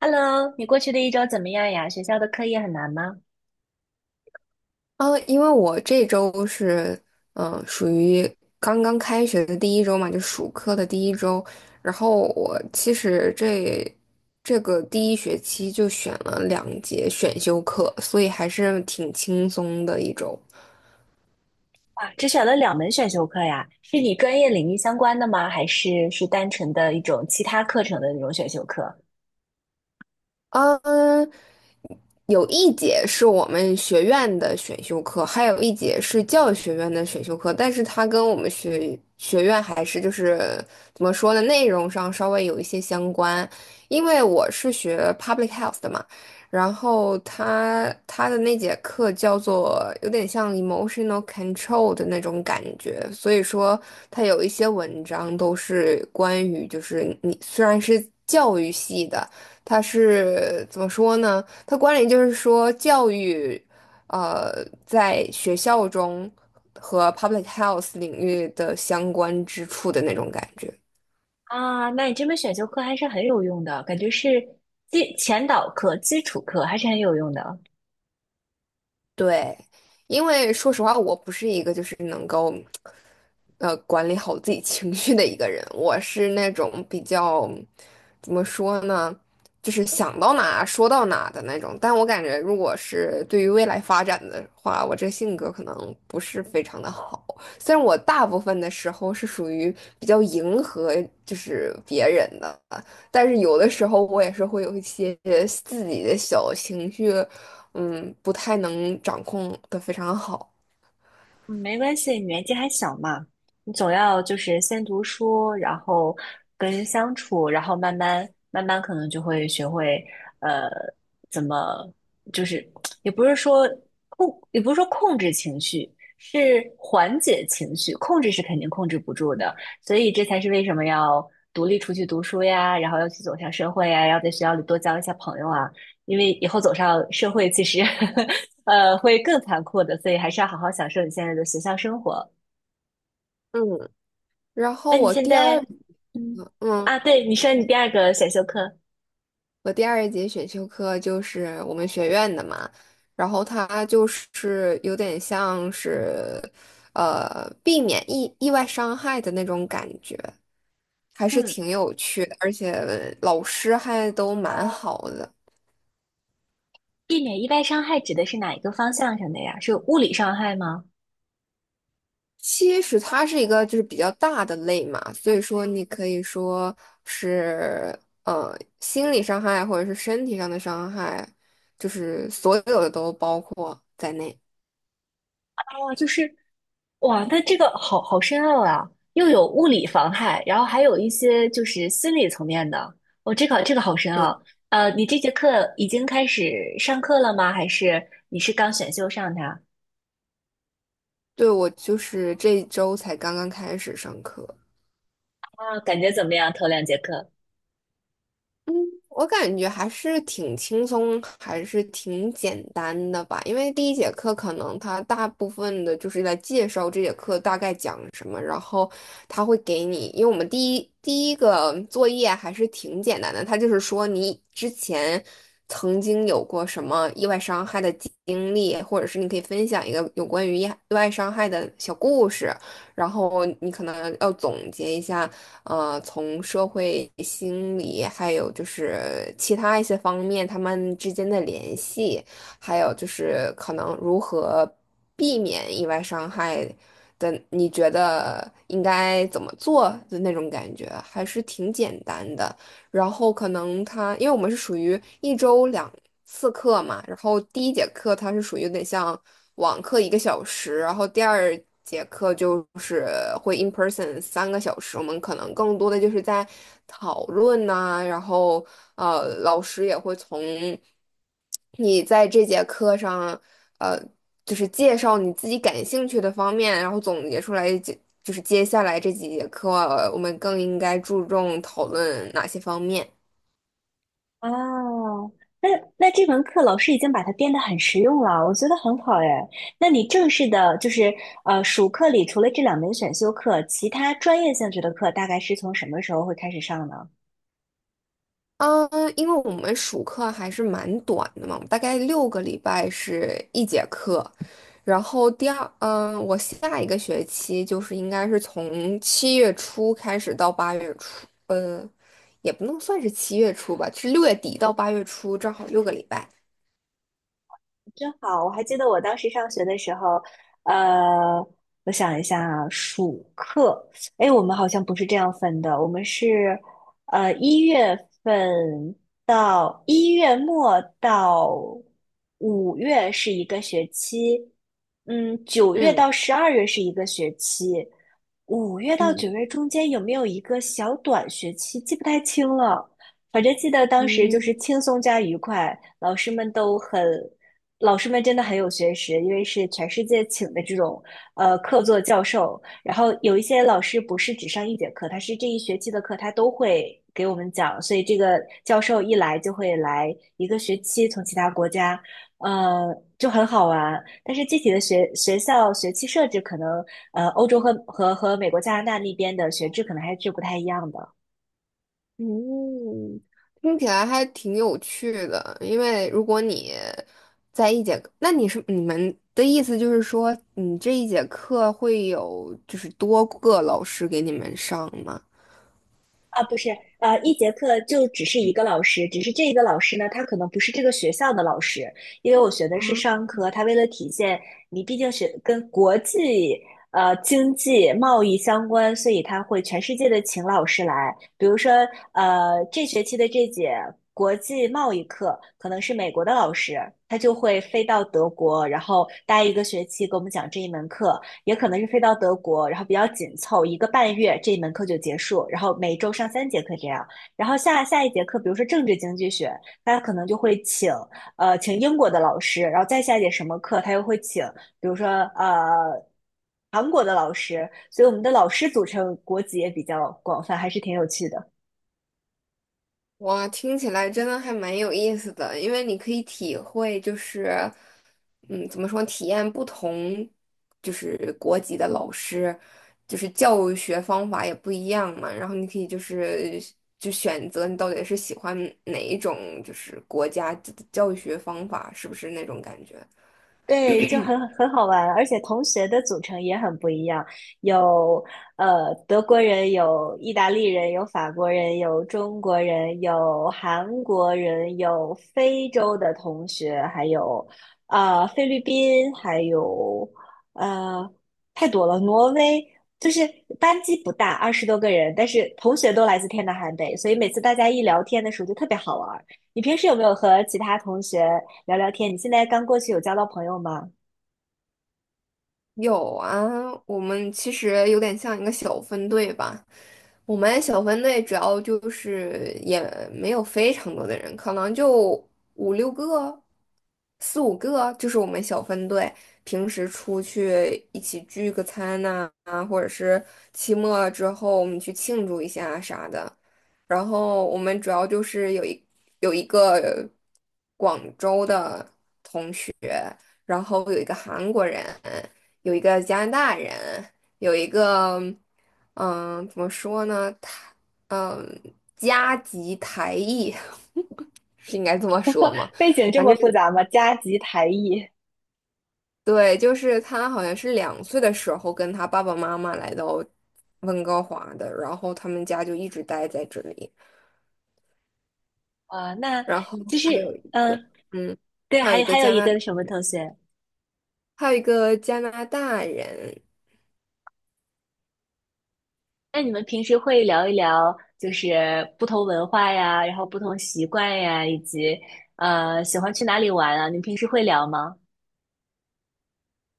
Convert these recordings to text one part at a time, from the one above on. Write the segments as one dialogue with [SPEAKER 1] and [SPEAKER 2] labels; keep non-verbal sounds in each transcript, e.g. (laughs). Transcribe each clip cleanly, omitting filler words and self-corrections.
[SPEAKER 1] Hello,你过去的一周怎么样呀？学校的课业很难吗？
[SPEAKER 2] 因为我这周是属于刚刚开学的第一周嘛，就暑课的第一周。然后我其实这个第一学期就选了两节选修课，所以还是挺轻松的一周。
[SPEAKER 1] 啊，只选了两门选修课呀，是你专业领域相关的吗？还是是单纯的一种其他课程的那种选修课？
[SPEAKER 2] 嗯，有一节是我们学院的选修课，还有一节是教育学院的选修课，但是它跟我们学院还是就是怎么说呢，内容上稍微有一些相关。因为我是学 public health 的嘛，然后它的那节课叫做有点像 emotional control 的那种感觉，所以说它有一些文章都是关于就是你虽然是教育系的，它是怎么说呢？它关联就是说教育，呃，在学校中和 public health 领域的相关之处的那种感觉。
[SPEAKER 1] 啊，那你这门选修课还是很有用的，感觉是基前导课、基础课还是很有用的。
[SPEAKER 2] 对，因为说实话，我不是一个就是能够，管理好自己情绪的一个人。我是那种比较，怎么说呢，就是想到哪说到哪的那种。但我感觉，如果是对于未来发展的话，我这性格可能不是非常的好。虽然我大部分的时候是属于比较迎合就是别人的，但是有的时候我也是会有一些自己的小情绪。不太能掌控的非常好。
[SPEAKER 1] 嗯，没关系，你年纪还小嘛，你总要就是先读书，然后跟人相处，然后慢慢可能就会学会，呃，怎么就是也不是说控，也不是说控制情绪，是缓解情绪，控制是肯定控制不住的，所以这才是为什么要独立出去读书呀，然后要去走向社会呀，要在学校里多交一些朋友啊，因为以后走上社会，其实 (laughs) 会更残酷的，所以还是要好好享受你现在的学校生活。
[SPEAKER 2] 嗯，然后
[SPEAKER 1] 那你
[SPEAKER 2] 我
[SPEAKER 1] 现在，嗯，
[SPEAKER 2] 课嗯，
[SPEAKER 1] 啊，对，你说你第二个选修课，
[SPEAKER 2] 第二节选修课就是我们学院的嘛，然后它就是有点像是，避免意外伤害的那种感觉，还是
[SPEAKER 1] 嗯，
[SPEAKER 2] 挺有趣的，而且老师还都蛮好的。
[SPEAKER 1] 避免意外伤害指的是哪一个方向上的呀？是物理伤害吗？
[SPEAKER 2] 其实它是一个就是比较大的类嘛，所以说你可以说是心理伤害或者是身体上的伤害，就是所有的都包括在内。
[SPEAKER 1] 哦，就是，哇，那这个好深奥啊，又有物理防害，然后还有一些就是心理层面的。哦，这个好深
[SPEAKER 2] 对，
[SPEAKER 1] 奥。你这节课已经开始上课了吗？还是你是刚选修上它？
[SPEAKER 2] 对我就是这一周才刚刚开始上课。
[SPEAKER 1] 啊，感觉怎么样？头两节课？
[SPEAKER 2] 嗯，我感觉还是挺轻松，还是挺简单的吧。因为第一节课可能它大部分的就是在介绍这节课大概讲什么，然后他会给你，因为我们第一个作业还是挺简单的，他就是说你之前曾经有过什么意外伤害的经历，或者是你可以分享一个有关于意外伤害的小故事，然后你可能要总结一下。从社会心理，还有就是其他一些方面，他们之间的联系，还有就是可能如何避免意外伤害的，你觉得应该怎么做的那种感觉，还是挺简单的。然后可能他，因为我们是属于一周两次课嘛，然后第一节课它是属于有点像网课1个小时，然后第二节课就是会 in person 3个小时，我们可能更多的就是在讨论呐、然后老师也会从。你在这节课上，呃，就是介绍你自己感兴趣的方面，然后总结出来，就是接下来这几节课，我们更应该注重讨论哪些方面。
[SPEAKER 1] 哦，那这门课老师已经把它编得很实用了，我觉得很好哎。那你正式的，就是暑课里除了这两门选修课，其他专业性质的课大概是从什么时候会开始上呢？
[SPEAKER 2] 嗯，因为我们暑课还是蛮短的嘛，大概六个礼拜是一节课，然后第二，嗯，我下一个学期就是应该是从七月初开始到八月初，也不能算是七月初吧，是6月底到八月初，正好六个礼拜。
[SPEAKER 1] 真好，我还记得我当时上学的时候，呃，我想一下啊，暑课，哎，我们好像不是这样分的，我们是，一月份到1月末到五月是一个学期，嗯，九月
[SPEAKER 2] 嗯
[SPEAKER 1] 到12月是一个学期，五月到九
[SPEAKER 2] 嗯
[SPEAKER 1] 月中间有没有一个小短学期，记不太清了。反正记得当时就
[SPEAKER 2] 嗯
[SPEAKER 1] 是轻松加愉快，老师们都很老师们真的很有学识，因为是全世界请的这种客座教授，然后有一些老师不是只上一节课，他是这一学期的课他都会给我们讲，所以这个教授一来就会来一个学期，从其他国家，就很好玩。但是具体的学校学期设置可能，欧洲和美国、加拿大那边的学制可能还是不太一样的。
[SPEAKER 2] 嗯，听起来还挺有趣的。因为如果你在一节课，那你是你们的意思就是说，你这一节课会有就是多个老师给你们上吗？
[SPEAKER 1] 啊，不是，一节课就只是一个老师，只是这一个老师呢，他可能不是这个学校的老师，因为我学的是商科，他为了体现你毕竟学跟国际经济贸易相关，所以他会全世界的请老师来，比如说这学期的这节国际贸易课可能是美国的老师，他就会飞到德国，然后待一个学期给我们讲这一门课，也可能是飞到德国，然后比较紧凑，1个半月这一门课就结束，然后每周上3节课这样。然后下一节课，比如说政治经济学，他可能就会请请英国的老师，然后再下一节什么课，他又会请，比如说韩国的老师，所以我们的老师组成国籍也比较广泛，还是挺有趣的。
[SPEAKER 2] 哇，听起来真的还蛮有意思的，因为你可以体会，就是，怎么说，体验不同，就是国籍的老师，就是教学方法也不一样嘛。然后你可以就是就选择你到底是喜欢哪一种，就是国家的教学方法，是不是那种感觉？
[SPEAKER 1] 对，就很好玩，而且同学的组成也很不一样，有德国人，有意大利人，有法国人，有中国人，有韩国人，有非洲的同学，还有菲律宾，还有呃太多了，挪威，就是班级不大，20多个人，但是同学都来自天南海北，所以每次大家一聊天的时候就特别好玩儿。你平时有没有和其他同学？聊聊天。你现在刚过去有交到朋友吗？
[SPEAKER 2] 有啊，我们其实有点像一个小分队吧。我们小分队主要就是也没有非常多的人，可能就五六个、四五个，就是我们小分队平时出去一起聚个餐呐、啊，或者是期末之后我们去庆祝一下啥的。然后我们主要就是有一个广州的。然后有一个韩国人，有一个加拿大人，有一个，怎么说呢？他，嗯，加籍台裔 (laughs) 是应该这么说吗？
[SPEAKER 1] 背景这
[SPEAKER 2] 反
[SPEAKER 1] 么
[SPEAKER 2] 正
[SPEAKER 1] 复杂吗？加急台裔
[SPEAKER 2] 对，就是他好像是2岁的时候跟他爸爸妈妈来到温哥华的，然后他们家就一直待在这里。
[SPEAKER 1] 啊，那
[SPEAKER 2] 然后
[SPEAKER 1] 就是
[SPEAKER 2] 还有一个，
[SPEAKER 1] 嗯，
[SPEAKER 2] 嗯，
[SPEAKER 1] 对，
[SPEAKER 2] 还有一
[SPEAKER 1] 还
[SPEAKER 2] 个
[SPEAKER 1] 还有
[SPEAKER 2] 加
[SPEAKER 1] 一
[SPEAKER 2] 拿，
[SPEAKER 1] 个什么同学？
[SPEAKER 2] 还有一个加拿大人，
[SPEAKER 1] 那你们平时会聊一聊，就是不同文化呀，然后不同习惯呀，以及喜欢去哪里玩啊？你们平时会聊吗？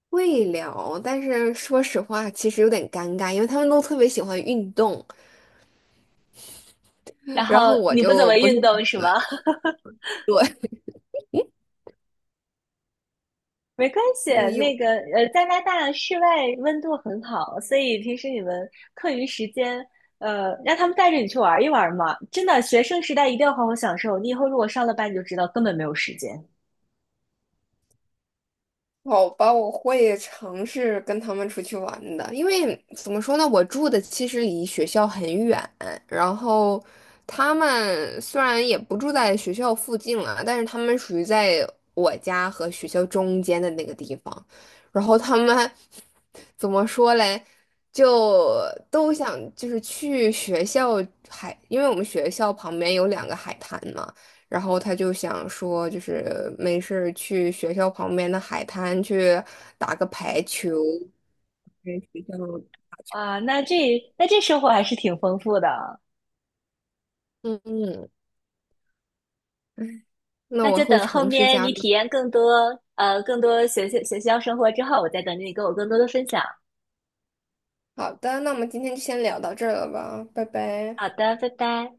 [SPEAKER 2] 会聊，但是说实话，其实有点尴尬，因为他们都特别喜欢运动，
[SPEAKER 1] 然
[SPEAKER 2] 然
[SPEAKER 1] 后
[SPEAKER 2] 后我
[SPEAKER 1] 你不怎
[SPEAKER 2] 就
[SPEAKER 1] 么
[SPEAKER 2] 不是
[SPEAKER 1] 运动是
[SPEAKER 2] 很
[SPEAKER 1] 吗？
[SPEAKER 2] (laughs) 对，
[SPEAKER 1] 没关系，
[SPEAKER 2] 所以有
[SPEAKER 1] 那个加拿大室外温度很好，所以平时你们课余时间，让他们带着你去玩一玩嘛。真的，学生时代一定要好好享受。你以后如果上了班，你就知道根本没有时间
[SPEAKER 2] 好吧，我会尝试跟他们出去玩的，因为怎么说呢，我住的其实离学校很远，然后他们虽然也不住在学校附近了，但是他们属于在我家和学校中间的那个地方，然后他们怎么说嘞，就都想就是去学校海，因为我们学校旁边有两个海滩嘛。然后他就想说，就是没事儿去学校旁边的海滩去打个排球，在学校，
[SPEAKER 1] 啊。那这那这生活还是挺丰富的。
[SPEAKER 2] 嗯嗯，那
[SPEAKER 1] 那
[SPEAKER 2] 我
[SPEAKER 1] 就
[SPEAKER 2] 会
[SPEAKER 1] 等后
[SPEAKER 2] 尝试
[SPEAKER 1] 面
[SPEAKER 2] 加
[SPEAKER 1] 你体
[SPEAKER 2] 入。
[SPEAKER 1] 验更多更多学校生活之后，我再等着你跟我更多的分享。
[SPEAKER 2] 好的，那我们今天就先聊到这儿了吧，拜拜。
[SPEAKER 1] 好的，拜拜。